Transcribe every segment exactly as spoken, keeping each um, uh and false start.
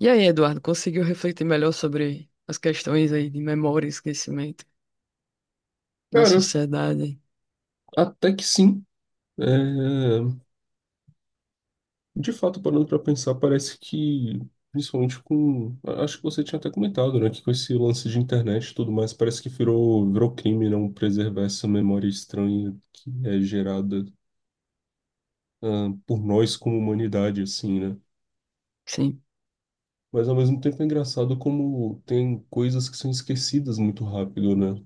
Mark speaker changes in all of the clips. Speaker 1: E aí, Eduardo, conseguiu refletir melhor sobre as questões aí de memória e esquecimento na
Speaker 2: Cara,
Speaker 1: sociedade?
Speaker 2: até que sim. É, de fato, parando para pensar, parece que, principalmente com... Acho que você tinha até comentado, né? Que com esse lance de internet e tudo mais, parece que virou, virou crime não preservar essa memória estranha que é gerada, ah, por nós como humanidade, assim, né?
Speaker 1: Sim,
Speaker 2: Mas ao mesmo tempo é engraçado como tem coisas que são esquecidas muito rápido, né?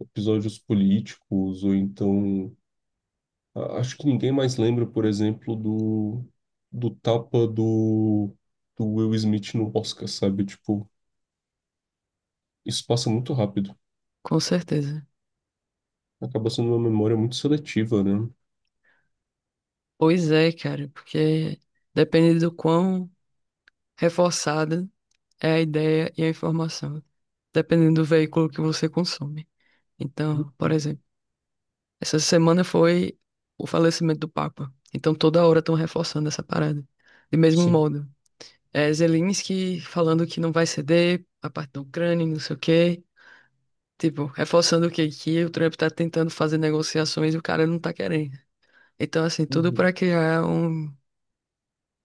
Speaker 2: Episódios políticos, ou então A- acho que ninguém mais lembra, por exemplo, do, do tapa do, do Will Smith no Oscar, sabe? Tipo, isso passa muito rápido.
Speaker 1: com certeza.
Speaker 2: Acaba sendo uma memória muito seletiva, né?
Speaker 1: Pois é, cara, porque depende do quão reforçada é a ideia e a informação, dependendo do veículo que você consome. Então, por
Speaker 2: Uhum.
Speaker 1: exemplo, essa semana foi o falecimento do Papa. Então, toda hora estão reforçando essa parada. De mesmo
Speaker 2: Sim.
Speaker 1: modo, é Zelensky falando que não vai ceder a parte da Ucrânia, e não sei o quê. Tipo, reforçando o que, que o Trump tá tentando fazer negociações e o cara não tá querendo. Então, assim, tudo
Speaker 2: Uhum.
Speaker 1: para criar um,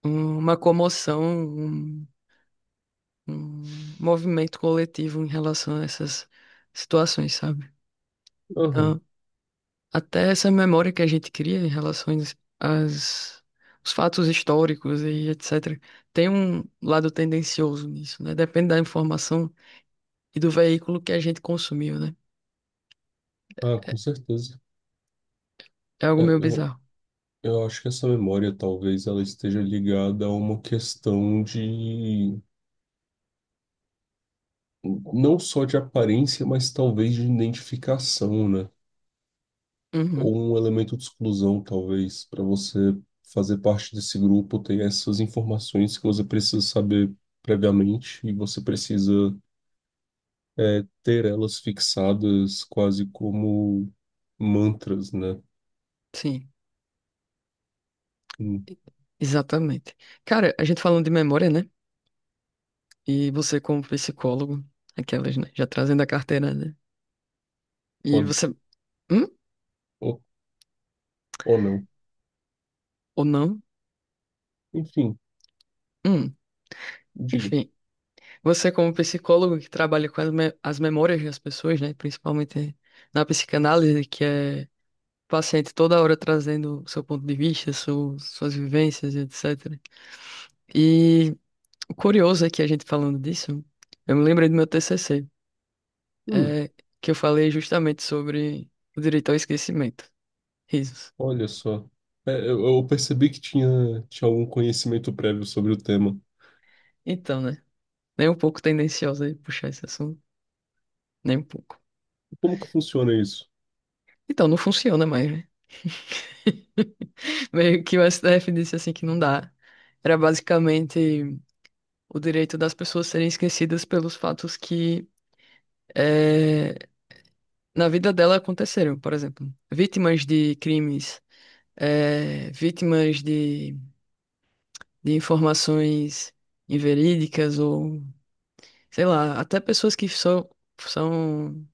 Speaker 1: um- uma comoção, um, um movimento coletivo em relação a essas situações, sabe?
Speaker 2: Aham.
Speaker 1: Então, até essa memória que a gente cria em relação às, aos fatos históricos e etcetera, tem um lado tendencioso nisso, né? Depende da informação e do veículo que a gente consumiu, né?
Speaker 2: Ah, com certeza.
Speaker 1: É algo
Speaker 2: É,
Speaker 1: meio
Speaker 2: eu,
Speaker 1: bizarro.
Speaker 2: eu acho que essa memória talvez ela esteja ligada a uma questão de não só de aparência, mas talvez de identificação, né?
Speaker 1: Uhum,
Speaker 2: Ou um elemento de exclusão, talvez, para você fazer parte desse grupo, ter essas informações que você precisa saber previamente e você precisa é ter elas fixadas quase como mantras, né?
Speaker 1: sim.
Speaker 2: Hum,
Speaker 1: Exatamente. Cara, a gente falando de memória, né? E você como psicólogo, aquelas, né? Já trazendo a carteira, né? E
Speaker 2: pode,
Speaker 1: você, hum?
Speaker 2: ou, ou não.
Speaker 1: Ou não?
Speaker 2: Enfim,
Speaker 1: Hum.
Speaker 2: diga.
Speaker 1: Enfim, você como psicólogo que trabalha com as, me- as memórias das pessoas, né? Principalmente na psicanálise, que é o paciente toda hora trazendo o seu ponto de vista, su- suas vivências, etcetera. E o curioso é que a gente falando disso, eu me lembrei do meu T C C,
Speaker 2: Hum,
Speaker 1: é, que eu falei justamente sobre o direito ao esquecimento. Risos.
Speaker 2: olha só. É, eu, eu percebi que tinha, tinha algum conhecimento prévio sobre o tema.
Speaker 1: Então, né? Nem um pouco tendenciosa de puxar esse assunto. Nem um pouco.
Speaker 2: Como que funciona isso?
Speaker 1: Então, não funciona mais, né? Meio que o S T F disse assim que não dá. Era basicamente o direito das pessoas serem esquecidas pelos fatos que eh, na vida dela aconteceram. Por exemplo, vítimas de crimes, eh, vítimas de, de informações inverídicas ou, sei lá, até pessoas que são, são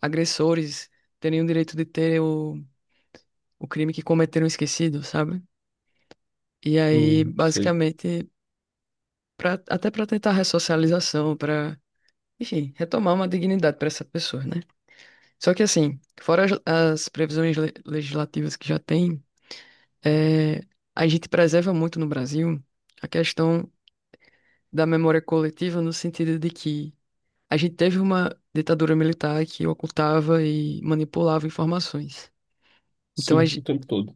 Speaker 1: agressores terem o direito de ter o o crime que cometeram esquecido, sabe? E aí,
Speaker 2: Hum, sei.
Speaker 1: basicamente, pra, até para tentar ressocialização, para, enfim, retomar uma dignidade para essa pessoa, né? Só que assim, fora as, as previsões le- legislativas que já tem, é, a gente preserva muito no Brasil a questão da memória coletiva no sentido de que a gente teve uma ditadura militar que ocultava e manipulava informações. Então, a,
Speaker 2: Sim, o tempo todo.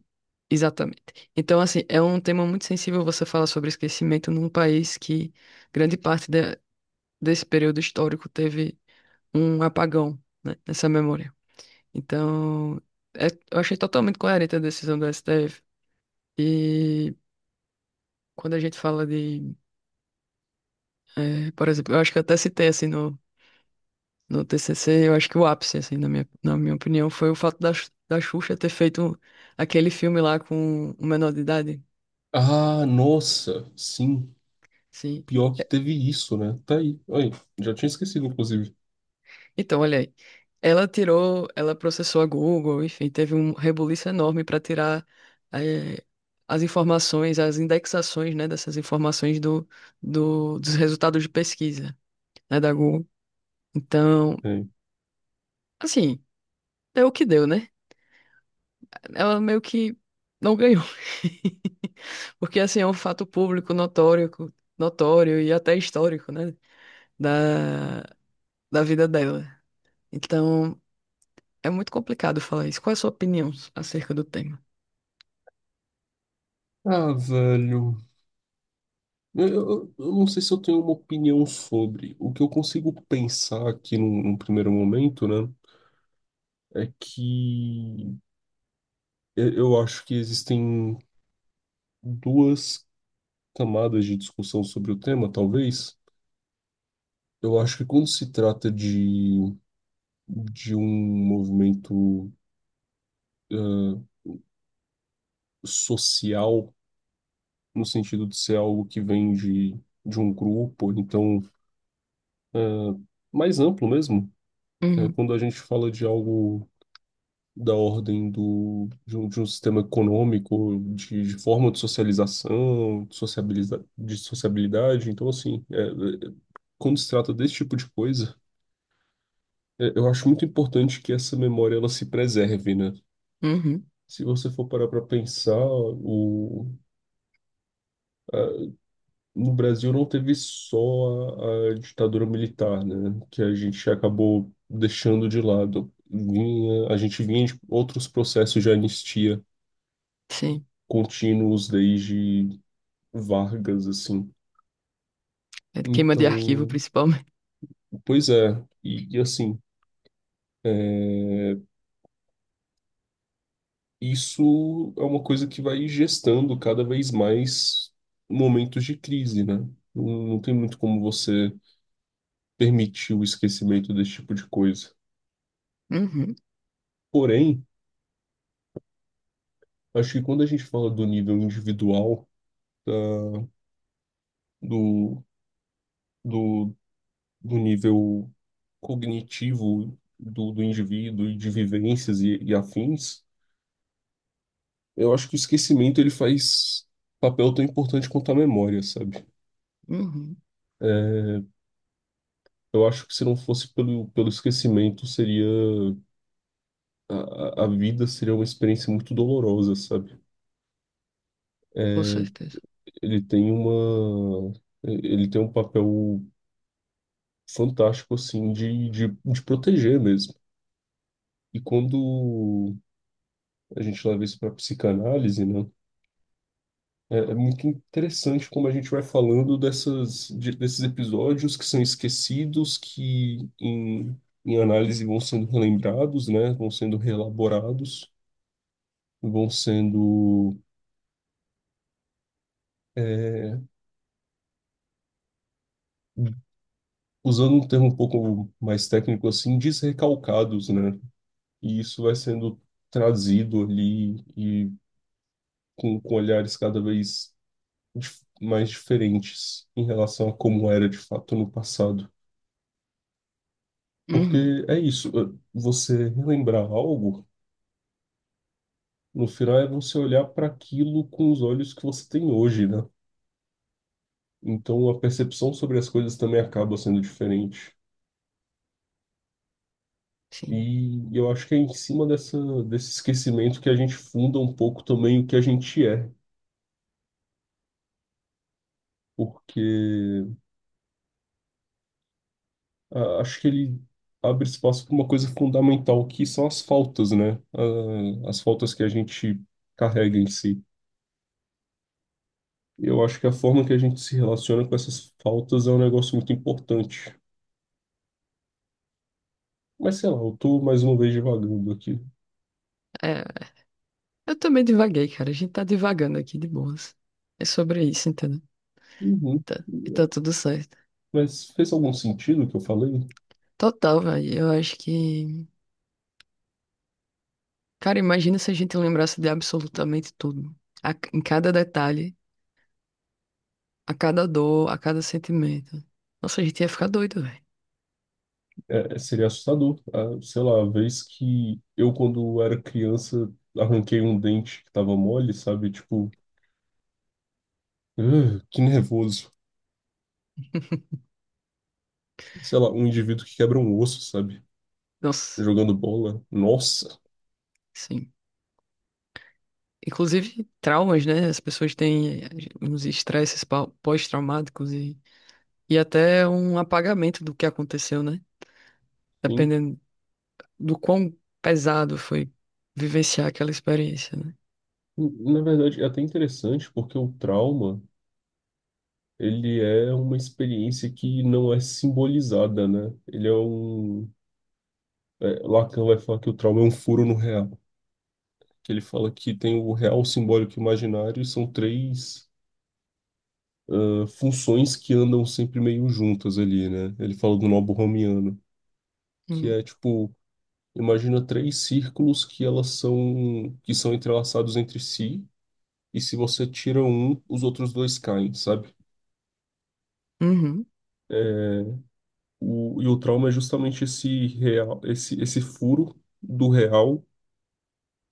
Speaker 1: exatamente. Então, assim, é um tema muito sensível você falar sobre esquecimento num país que grande parte de- desse período histórico teve um apagão, né, nessa memória. Então, é- eu achei totalmente coerente a decisão do S T F. E quando a gente fala de, eh, por exemplo, eu acho que eu até citei assim no, no T C C, eu acho que o ápice, assim, na minha, na minha opinião, foi o fato da, Xu- da Xuxa ter feito aquele filme lá com o menor de idade.
Speaker 2: Ah, nossa, sim.
Speaker 1: Sim.
Speaker 2: Pior que teve isso, né? Tá aí. Aí, já tinha esquecido, inclusive.
Speaker 1: Então, olha aí. Ela tirou, ela processou a Google, enfim, teve um rebuliço enorme para tirar eh, as informações, as indexações, né, dessas informações do, do- dos resultados de pesquisa, né, da Google. Então,
Speaker 2: É.
Speaker 1: assim, deu o que deu, né? Ela meio que não ganhou. Porque, assim, é um fato público, notório, notório e até histórico, né, da, da vida dela. Então, é muito complicado falar isso. Qual é a sua opinião acerca do tema?
Speaker 2: Ah, velho. Eu, eu- eu não sei se eu tenho uma opinião sobre. O que eu consigo pensar aqui num, num primeiro momento, né? É que eu eu acho que existem duas camadas de discussão sobre o tema, talvez. Eu acho que quando se trata de, de um movimento social, no sentido de ser algo que vem de, de um grupo, então mais amplo mesmo, né?
Speaker 1: Uhum,
Speaker 2: Quando a gente fala de algo da ordem do, de um, de um sistema econômico, de, de forma de socialização, de sociabiliza, de sociabilidade, então assim, é, é, quando se trata desse tipo de coisa, é, eu acho muito importante que essa memória ela se preserve, né?
Speaker 1: uhum,
Speaker 2: Se você for parar para pensar, o, no Brasil não teve só a, a ditadura militar, né, que a gente acabou deixando de lado. Vinha, a gente vinha de outros processos de anistia
Speaker 1: sim.
Speaker 2: contínuos desde Vargas, assim.
Speaker 1: É de queima de arquivo,
Speaker 2: Então,
Speaker 1: principalmente.
Speaker 2: pois é, e, e assim, é, isso é uma coisa que vai gestando cada vez mais momentos de crise, né? Não, não tem muito como você permitir o esquecimento desse tipo de coisa.
Speaker 1: Uhum,
Speaker 2: Porém, acho que quando a gente fala do nível individual, da- do, do, do nível cognitivo do, do indivíduo e de vivências e, e afins, eu acho que o esquecimento ele faz papel tão importante quanto a memória, sabe?
Speaker 1: uhum,
Speaker 2: É, eu acho que se não fosse pelo, pelo esquecimento, seria a, a a vida seria uma experiência muito dolorosa, sabe?
Speaker 1: com certeza.
Speaker 2: Ele tem uma ele tem um papel fantástico assim de, de, de proteger mesmo. E quando a gente leva isso para psicanálise, né? É, é muito interessante como a gente vai falando dessas, de- desses episódios que são esquecidos, que em, em análise vão sendo relembrados, né? Vão sendo reelaborados, vão sendo, é, usando um termo um pouco mais técnico assim, desrecalcados, né? E isso vai sendo trazido ali e com, com olhares cada vez dif- mais diferentes em relação a como era de fato no passado.
Speaker 1: Uhum,
Speaker 2: Porque é isso, eh, você relembrar algo, no final é você olhar para aquilo com os olhos que você tem hoje, né? Então a percepção sobre as coisas também acaba sendo diferente.
Speaker 1: sim.
Speaker 2: E eu acho que é em cima dessa, desse esquecimento que a gente funda um pouco também o que a gente é. Porque ah, acho que ele abre espaço para uma coisa fundamental, que são as faltas, né? Ah, as faltas que a gente carrega em si. Eu acho que a forma que a gente se relaciona com essas faltas é um negócio muito importante. Mas sei lá, eu tô mais uma vez divagando aqui.
Speaker 1: É, eu também divaguei, cara. A gente tá divagando aqui de boas. É sobre isso, entendeu?
Speaker 2: Uhum.
Speaker 1: Tá- e tá tudo certo.
Speaker 2: Mas fez algum sentido o que eu falei?
Speaker 1: Total, velho. Eu acho que. Cara, imagina se a gente lembrasse de absolutamente tudo. A- em cada detalhe, a cada dor, a cada sentimento. Nossa, a gente ia ficar doido, velho.
Speaker 2: É, é, seria assustador. Ah, sei lá, a vez que eu, quando era criança, arranquei um dente que tava mole, sabe? Tipo, "Ugh, que nervoso." Sei lá, um indivíduo que quebra um osso, sabe?
Speaker 1: Nossa,
Speaker 2: Jogando bola. Nossa,
Speaker 1: sim. Inclusive traumas, né? As pessoas têm uns estresses pau- pós-traumáticos e, e até um apagamento do que aconteceu, né?
Speaker 2: sim.
Speaker 1: Dependendo do quão pesado foi vivenciar aquela experiência, né?
Speaker 2: Na verdade, é até interessante porque o trauma, ele é uma experiência que não é simbolizada, né? Ele é um... é, Lacan vai falar que o trauma é um furo no real. Que ele fala que tem o real, o simbólico e o imaginário e são três ah, funções que andam sempre meio juntas ali, né? Ele fala do nobo romiano, que
Speaker 1: Hum,
Speaker 2: é tipo... Imagina três círculos que elas são que são entrelaçados entre si e se você tira um, os outros dois caem, sabe?
Speaker 1: uhum,
Speaker 2: O, e o trauma é justamente esse real, esse, esse furo do real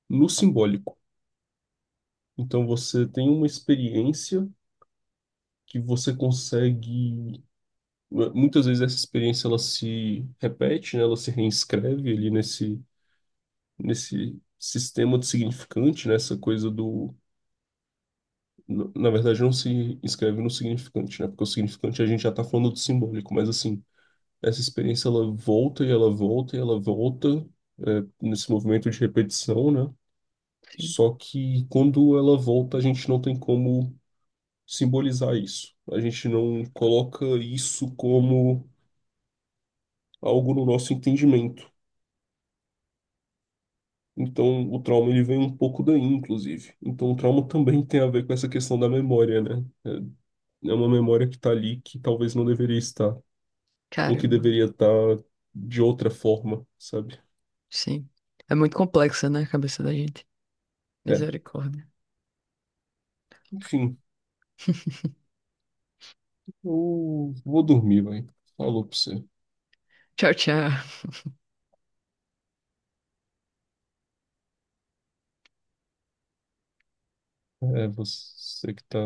Speaker 2: no simbólico. Então você tem uma experiência que você consegue. eh, Muitas vezes essa experiência ela se repete, né? Ela se reescreve ali nesse, nesse sistema de significante, né? Essa coisa do. Na na verdade, não se escreve no significante, né? Porque o significante a gente já está falando do simbólico, mas assim, essa experiência ela volta e ela volta e ela volta é, nesse movimento de repetição, né?
Speaker 1: sim.
Speaker 2: Só que quando ela volta, a gente não tem como simbolizar isso. A gente não coloca isso como algo no nosso entendimento. Então, o trauma ele vem um pouco daí, inclusive. Então, o trauma também tem a ver com essa questão da memória, né? É é uma memória que tá ali que talvez não deveria estar, ou que
Speaker 1: Caramba,
Speaker 2: deveria estar de outra forma, sabe?
Speaker 1: sim. É muito complexa, né, a cabeça da gente.
Speaker 2: É,
Speaker 1: Misericórdia.
Speaker 2: enfim. Eu vou dormir, velho. Falou pra você.
Speaker 1: Tchau, tchau.
Speaker 2: É você que tá.